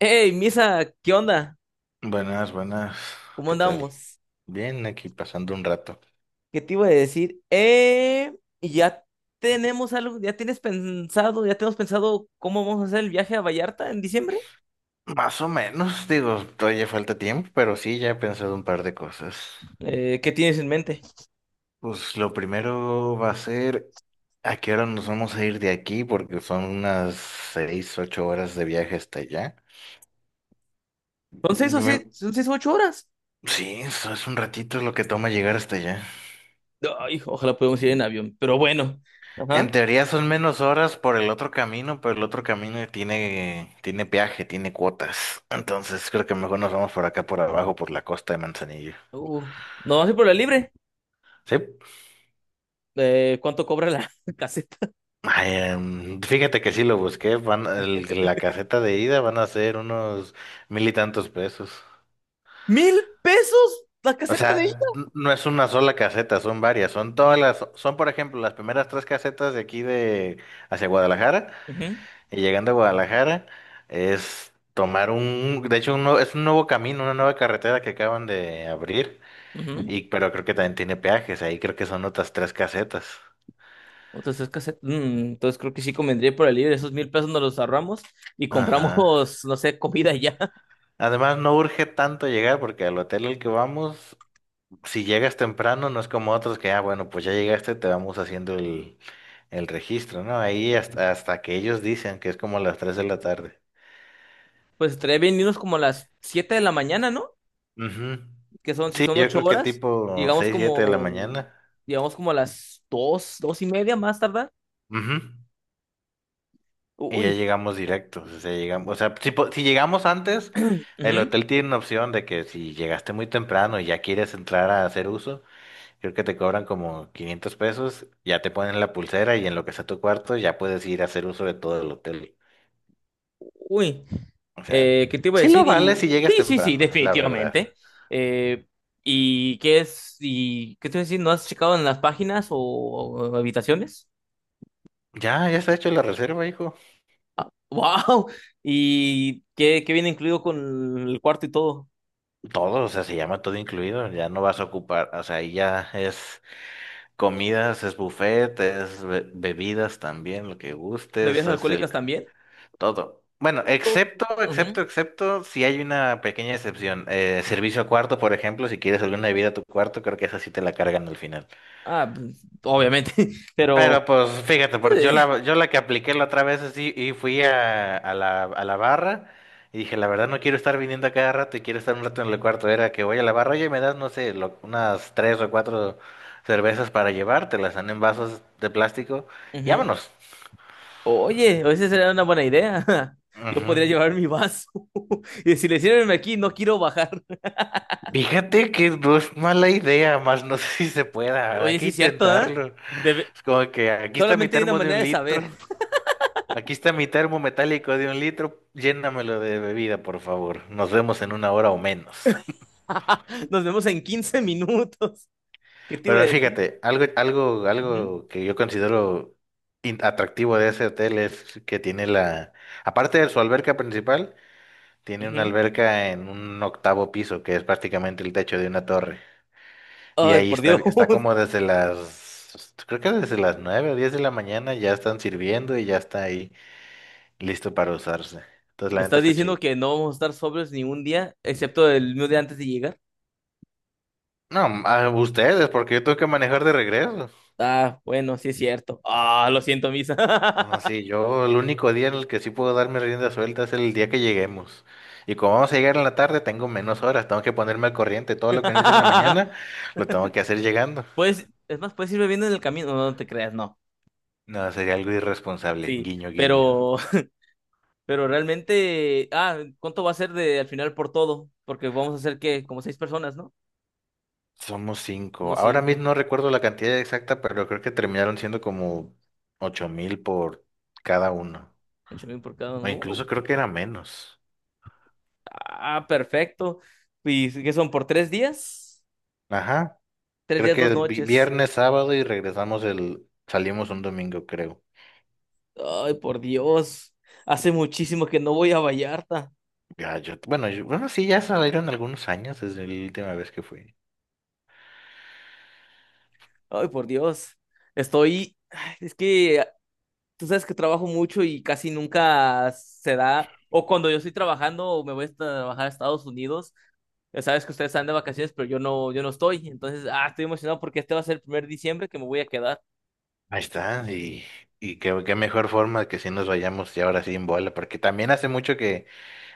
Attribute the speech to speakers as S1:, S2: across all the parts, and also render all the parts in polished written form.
S1: Hey, Misa, ¿qué onda?
S2: Buenas, buenas.
S1: ¿Cómo
S2: ¿Qué tal?
S1: andamos?
S2: Bien, aquí pasando un rato.
S1: ¿Qué te iba a decir? Y ya tenemos algo, ya tienes pensado, ya tenemos pensado cómo vamos a hacer el viaje a Vallarta en diciembre.
S2: Más o menos, digo, todavía falta tiempo, pero sí, ya he pensado un par de cosas.
S1: ¿Qué tienes en mente?
S2: Pues lo primero va a ser a qué hora nos vamos a ir de aquí, porque son unas 6, 8 horas de viaje hasta allá.
S1: Son seis o
S2: Me-
S1: siete, son 6 o 8 horas.
S2: Sí, eso es un ratito lo que toma llegar hasta allá.
S1: Ay, ojalá podamos ir en avión, pero bueno.
S2: En
S1: Ajá.
S2: teoría son menos horas por el otro camino, pero el otro camino tiene peaje, tiene cuotas. Entonces creo que mejor nos vamos por acá, por abajo, por la costa de Manzanillo.
S1: Uh, no vas a ir por la libre.
S2: Sí.
S1: ¿Cuánto cobra la caseta?
S2: Ay, fíjate que sí lo busqué. La caseta de ida van a ser unos mil y tantos pesos.
S1: ¿Mil pesos la
S2: O
S1: caseta de ida?
S2: sea, no es una sola caseta, son varias. Son
S1: Mm.
S2: todas las, son por ejemplo las primeras tres casetas de aquí de hacia Guadalajara.
S1: Ujú.
S2: Y llegando a Guadalajara es tomar de hecho es un nuevo camino, una nueva carretera que acaban de abrir,
S1: Ujú.
S2: y pero creo que también tiene peajes, ahí creo que son otras tres casetas.
S1: Entonces, es cassette. Entonces creo que sí convendría ir por el libre. Esos 1,000 pesos nos los ahorramos y
S2: Ajá.
S1: compramos, no sé, comida ya.
S2: Además no urge tanto llegar porque al hotel al que vamos, si llegas temprano no es como otros que, ah, bueno, pues ya llegaste, te vamos haciendo el registro, ¿no? Ahí hasta que ellos dicen que es como las 3 de la tarde.
S1: Pues estaría bien irnos como a las 7 de la mañana, ¿no?
S2: Ujú.
S1: Que son, si
S2: Sí,
S1: son
S2: yo
S1: 8
S2: creo que
S1: horas,
S2: tipo
S1: llegamos
S2: seis, siete de la
S1: como,
S2: mañana.
S1: llegamos como a las dos y media más tardar.
S2: Ujú. Y ya
S1: Uy.
S2: llegamos directos, o sea, llegamos, o sea, si llegamos antes, el
S1: Ujú.
S2: hotel tiene una opción de que si llegaste muy temprano y ya quieres entrar a hacer uso, creo que te cobran como 500 pesos, ya te ponen la pulsera y en lo que sea tu cuarto ya puedes ir a hacer uso de todo el hotel.
S1: Uy.
S2: O sea,
S1: ¿Qué te iba a
S2: sí lo
S1: decir?
S2: vale
S1: Y
S2: si llegas
S1: sí, sí, sí,
S2: temprano, la verdad.
S1: definitivamente. Eh, ¿Y qué es? ¿Y qué te iba a decir? ¿No has checado en las páginas o habitaciones?
S2: Ya, ya está hecho la reserva, hijo.
S1: Wow. ¿Y qué viene incluido con el cuarto y todo?
S2: Todo, o sea, se llama todo incluido, ya no vas a ocupar, o sea, ahí ya es comidas, es buffet, es bebidas también, lo que gustes,
S1: ¿Bebidas
S2: es el,
S1: alcohólicas también?
S2: Todo. Bueno,
S1: Todo.
S2: excepto, excepto,
S1: Ujú.
S2: excepto, si hay una pequeña excepción. Servicio a cuarto, por ejemplo, si quieres alguna bebida a tu cuarto, creo que esa sí te la cargan al final.
S1: Ah, pues, obviamente, pero.
S2: Pero pues fíjate, porque yo
S1: eh,
S2: la, yo la que apliqué la otra vez así y fui a la barra y dije, la verdad no quiero estar viniendo a cada rato y quiero estar un rato en el cuarto. Era que voy a la barra, oye, me das, no sé, unas tres o cuatro cervezas para llevar, te las dan en vasos de plástico y
S1: Ujú.
S2: vámonos.
S1: Oye, esa sería una buena idea. Yo
S2: Ujú.
S1: podría llevar mi vaso y decirle, sírveme aquí, no quiero bajar.
S2: Fíjate que no es mala idea, más no sé si se pueda, ¿verdad? Hay
S1: Oye,
S2: que
S1: sí es cierto, ¿eh?
S2: intentarlo.
S1: Debe-
S2: Es como que aquí está mi
S1: Solamente hay una
S2: termo de
S1: manera
S2: un
S1: de
S2: litro,
S1: saber.
S2: aquí está mi termo metálico de 1 litro, llénamelo de bebida, por favor. Nos vemos en 1 hora o menos.
S1: Nos vemos en 15 minutos. ¿Qué te iba a
S2: Pero
S1: decir?
S2: fíjate, algo, algo,
S1: Ujú,
S2: algo que yo considero atractivo de ese hotel es que tiene aparte de su alberca principal, tiene una
S1: ujú.
S2: alberca en un octavo piso, que es prácticamente el techo de una torre. Y
S1: Ay,
S2: ahí
S1: por
S2: está,
S1: Dios.
S2: está como creo que desde las 9 o 10 de la mañana ya están sirviendo y ya está ahí listo para usarse. Entonces
S1: ¿Me
S2: la neta
S1: estás
S2: está
S1: diciendo
S2: chido.
S1: que no vamos a estar sobrios ni un día, excepto el mismo día antes de llegar?
S2: No, a ustedes, porque yo tengo que manejar de regreso.
S1: Ah, bueno, sí es cierto. Ah, lo siento, Misa.
S2: Así, yo el único día en el que sí puedo darme rienda suelta es el día que lleguemos. Y como vamos a llegar en la tarde, tengo menos horas, tengo que ponerme al corriente. Todo lo que no hice en la mañana, lo tengo que hacer llegando.
S1: Pues, es más, puedes ir bebiendo en el camino, no, no te creas, no.
S2: No, sería algo irresponsable.
S1: Sí,
S2: Guiño, guiño.
S1: pero, pero realmente, ¿cuánto va a ser de al final por todo? Porque vamos a hacer que como seis personas, ¿no?
S2: Somos cinco.
S1: Somos
S2: Ahora
S1: cinco,
S2: mismo no recuerdo la cantidad exacta, pero creo que terminaron siendo como 8,000 por cada uno.
S1: 8,000 por cada
S2: O
S1: uno.
S2: incluso creo que era menos.
S1: Perfecto. ¿Y qué son por 3 días?
S2: Ajá.
S1: Tres
S2: Creo
S1: días, dos
S2: que
S1: noches.
S2: viernes, sábado y salimos un domingo, creo.
S1: Ay, por Dios. Hace muchísimo que no voy a Vallarta.
S2: Ya, yo, bueno, sí, ya salieron algunos años desde la última vez que fui.
S1: Ay, por Dios. Estoy. Ay, es que tú sabes que trabajo mucho y casi nunca se da. O cuando yo estoy trabajando, me voy a trabajar a Estados Unidos. Ya sabes que ustedes están de vacaciones, pero yo no estoy. Entonces, estoy emocionado porque este va a ser el primer diciembre que me voy a quedar.
S2: Ahí está, y qué mejor forma que si nos vayamos ya ahora sí en bola, porque también hace mucho que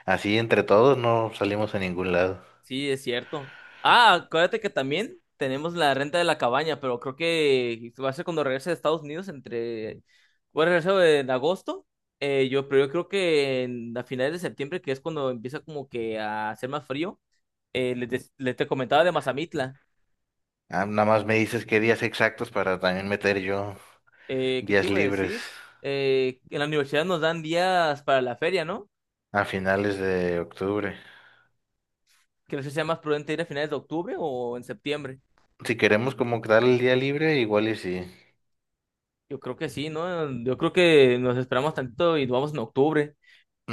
S2: así entre todos no salimos a ningún lado.
S1: Sí, es cierto. Ah, acuérdate que también tenemos la renta de la cabaña, pero creo que va a ser cuando regrese de Estados Unidos entre. Voy a regresar en agosto, pero yo creo que a finales de septiembre, que es cuando empieza como que a hacer más frío, les te comentaba de Mazamitla.
S2: Ah, nada más me dices qué días exactos para también meter yo
S1: ¿Qué te
S2: días
S1: iba a
S2: libres
S1: decir? En la universidad nos dan días para la feria, ¿no?
S2: a finales de octubre.
S1: Que no sé si sea más prudente ir a finales de octubre o en septiembre.
S2: Si queremos como dar el día libre, igual y sí.
S1: Yo creo que sí, ¿no? Yo creo que nos esperamos tantito y nos vamos en octubre.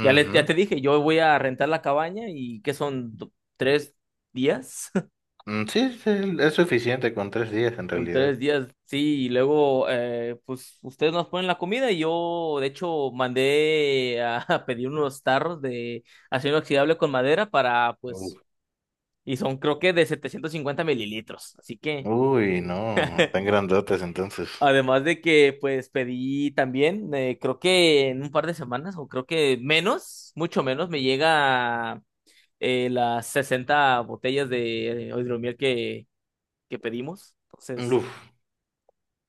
S1: Ya, ya te dije, yo voy a rentar la cabaña y ¿qué son? ¿3 días?
S2: Mm, sí, sí, es suficiente con 3 días en
S1: Son
S2: realidad.
S1: 3 días, sí, y luego pues ustedes nos ponen la comida y yo de hecho mandé a, a pedir unos tarros de acero inoxidable con madera para pues,
S2: Uf.
S1: y son creo que de 750 ml, así que
S2: Uy, no, tan grandotes entonces.
S1: además de que pues pedí también, creo que en un par de semanas o creo que menos, mucho menos, me llega las 60 botellas de hidromiel que pedimos. Entonces,
S2: Uf,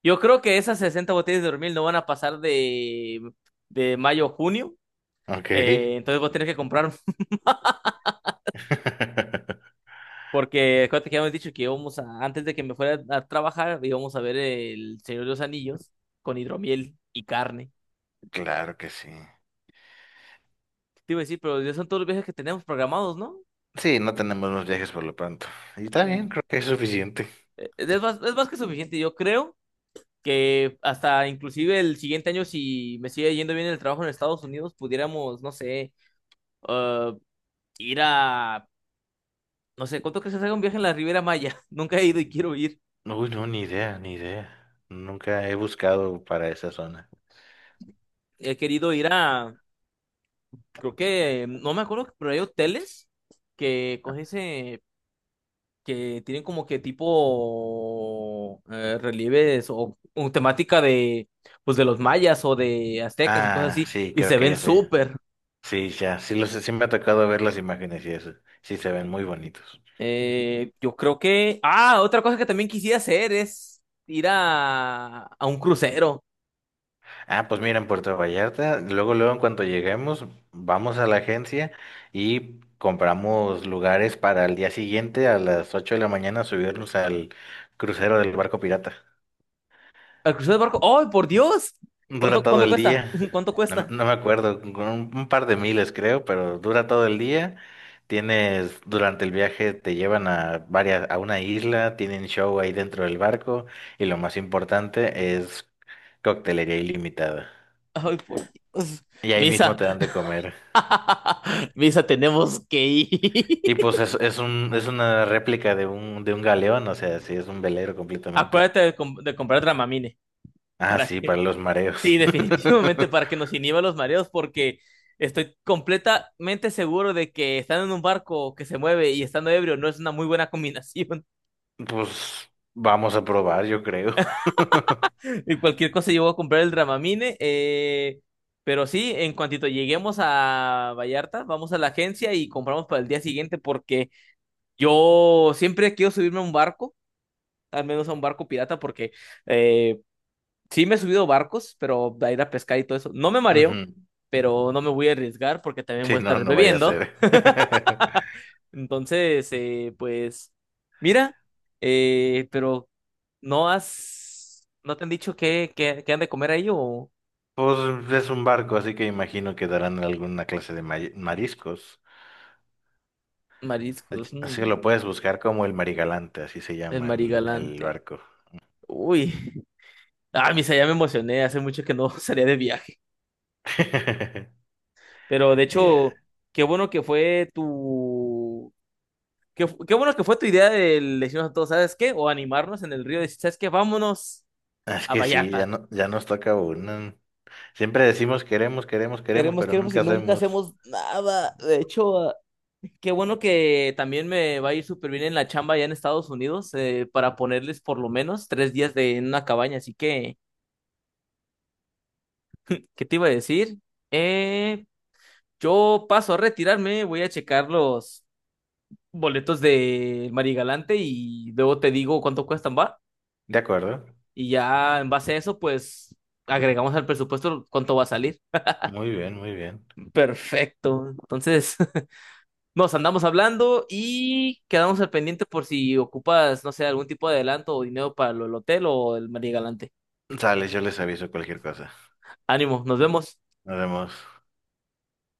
S1: yo creo que esas 60 botellas de hidromiel no van a pasar de mayo a junio.
S2: ok.
S1: Entonces voy a tener que comprar, porque acuérdate que habíamos dicho que íbamos a, antes de que me fuera a trabajar, íbamos a ver el Señor de los Anillos con hidromiel y carne.
S2: Claro que sí.
S1: Te iba a decir, pero ya son todos los viajes que tenemos programados, ¿no?
S2: Sí, no tenemos más viajes por lo pronto. Y está
S1: Mm.
S2: bien, creo que es suficiente.
S1: Es más que suficiente, yo creo. Que hasta inclusive el siguiente año, si me sigue yendo bien el trabajo en Estados Unidos, pudiéramos, no sé, ah, ir a, no sé, ¿cuánto crees que se haga un viaje en la Riviera Maya? Nunca he ido y quiero ir.
S2: Uy, no, ni idea, ni idea. Nunca he buscado para esa zona.
S1: He querido ir a, creo que, no me acuerdo, pero hay hoteles que con ese, que tienen como que tipo relieves o temática de, pues de los mayas o de aztecas y cosas
S2: Ah,
S1: así,
S2: sí,
S1: y
S2: creo
S1: se
S2: que
S1: ven
S2: ya sé.
S1: súper.
S2: Sí, ya, sí, me ha tocado ver las imágenes y eso. Sí, se ven muy bonitos.
S1: Yo creo que. Ah, otra cosa que también quisiera hacer es ir a un crucero.
S2: Ah, pues mira, en Puerto Vallarta, luego, luego, en cuanto lleguemos, vamos a la agencia y compramos lugares para el día siguiente a las 8 de la mañana subirnos al crucero del barco pirata.
S1: Al crucero de barco. ¡Ay, por Dios! ¿Cuánto,
S2: Dura todo
S1: cuánto
S2: el
S1: cuesta?
S2: día.
S1: ¿Cuánto
S2: No, me
S1: cuesta?
S2: no me acuerdo, con un par de miles creo, pero dura todo el día. Durante el viaje te llevan a varias, a una isla, tienen show ahí dentro del barco y lo más importante es coctelería ilimitada.
S1: ¡Ay, por Dios!
S2: Y ahí mismo
S1: Misa.
S2: te dan de comer.
S1: Misa, tenemos que ir.
S2: Y pues es una réplica de un galeón, o sea, sí, es un velero completamente.
S1: Acuérdate de comprar Dramamine.
S2: Ah,
S1: ¿Para
S2: sí,
S1: que?
S2: para los
S1: Sí,
S2: mareos.
S1: definitivamente para que nos inhiba los mareos, porque estoy completamente seguro de que estando en un barco que se mueve y estando ebrio no es una muy buena combinación.
S2: Pues vamos a probar, yo creo.
S1: Y cualquier cosa yo voy a comprar el Dramamine. Pero sí, en cuantito lleguemos a Vallarta, vamos a la agencia y compramos para el día siguiente porque yo siempre quiero subirme a un barco, al menos a un barco pirata, porque eh, sí me he subido barcos, pero a ir a pescar y todo eso. No me mareo,
S2: Ujú.
S1: pero no me voy a arriesgar porque también voy
S2: Sí,
S1: a
S2: no,
S1: estar
S2: no vaya a
S1: bebiendo.
S2: ser.
S1: Entonces, pues, mira, pero no te han dicho qué han de comer ahí o...?
S2: Pues es un barco, así que imagino que darán alguna clase de mariscos.
S1: Mariscos.
S2: Así que lo puedes buscar como el Marigalante, así se
S1: El
S2: llama el
S1: marigalante.
S2: barco.
S1: Uy, Misa, ya me emocioné, hace mucho que no salía de viaje. Pero de
S2: Ya.
S1: hecho, qué bueno que fue tu. Qué bueno que fue tu idea de decirnos a todos, ¿sabes qué? O animarnos en el río, decir, ¿sabes qué? Vámonos
S2: Es
S1: a
S2: que sí, ya
S1: Vallarta.
S2: no, ya nos toca uno. Siempre decimos queremos, queremos, queremos,
S1: Queremos,
S2: pero
S1: queremos y
S2: nunca
S1: nunca
S2: hacemos.
S1: hacemos nada. De hecho, qué bueno que también me va a ir súper bien en la chamba allá en Estados Unidos para ponerles por lo menos 3 días en una cabaña. Así que, ¿qué te iba a decir? Eh, Yo paso a retirarme, voy a checar los boletos de Marigalante y luego te digo cuánto cuestan, ¿va?
S2: ¿De acuerdo?
S1: Y ya en base a eso, pues agregamos al presupuesto cuánto va a salir.
S2: Muy bien, muy bien.
S1: Perfecto. Entonces, nos andamos hablando y quedamos al pendiente por si ocupas, no sé, algún tipo de adelanto o dinero para lo del hotel o el Marigalante.
S2: Sale, yo les aviso cualquier cosa.
S1: Ánimo, nos vemos.
S2: Nos vemos.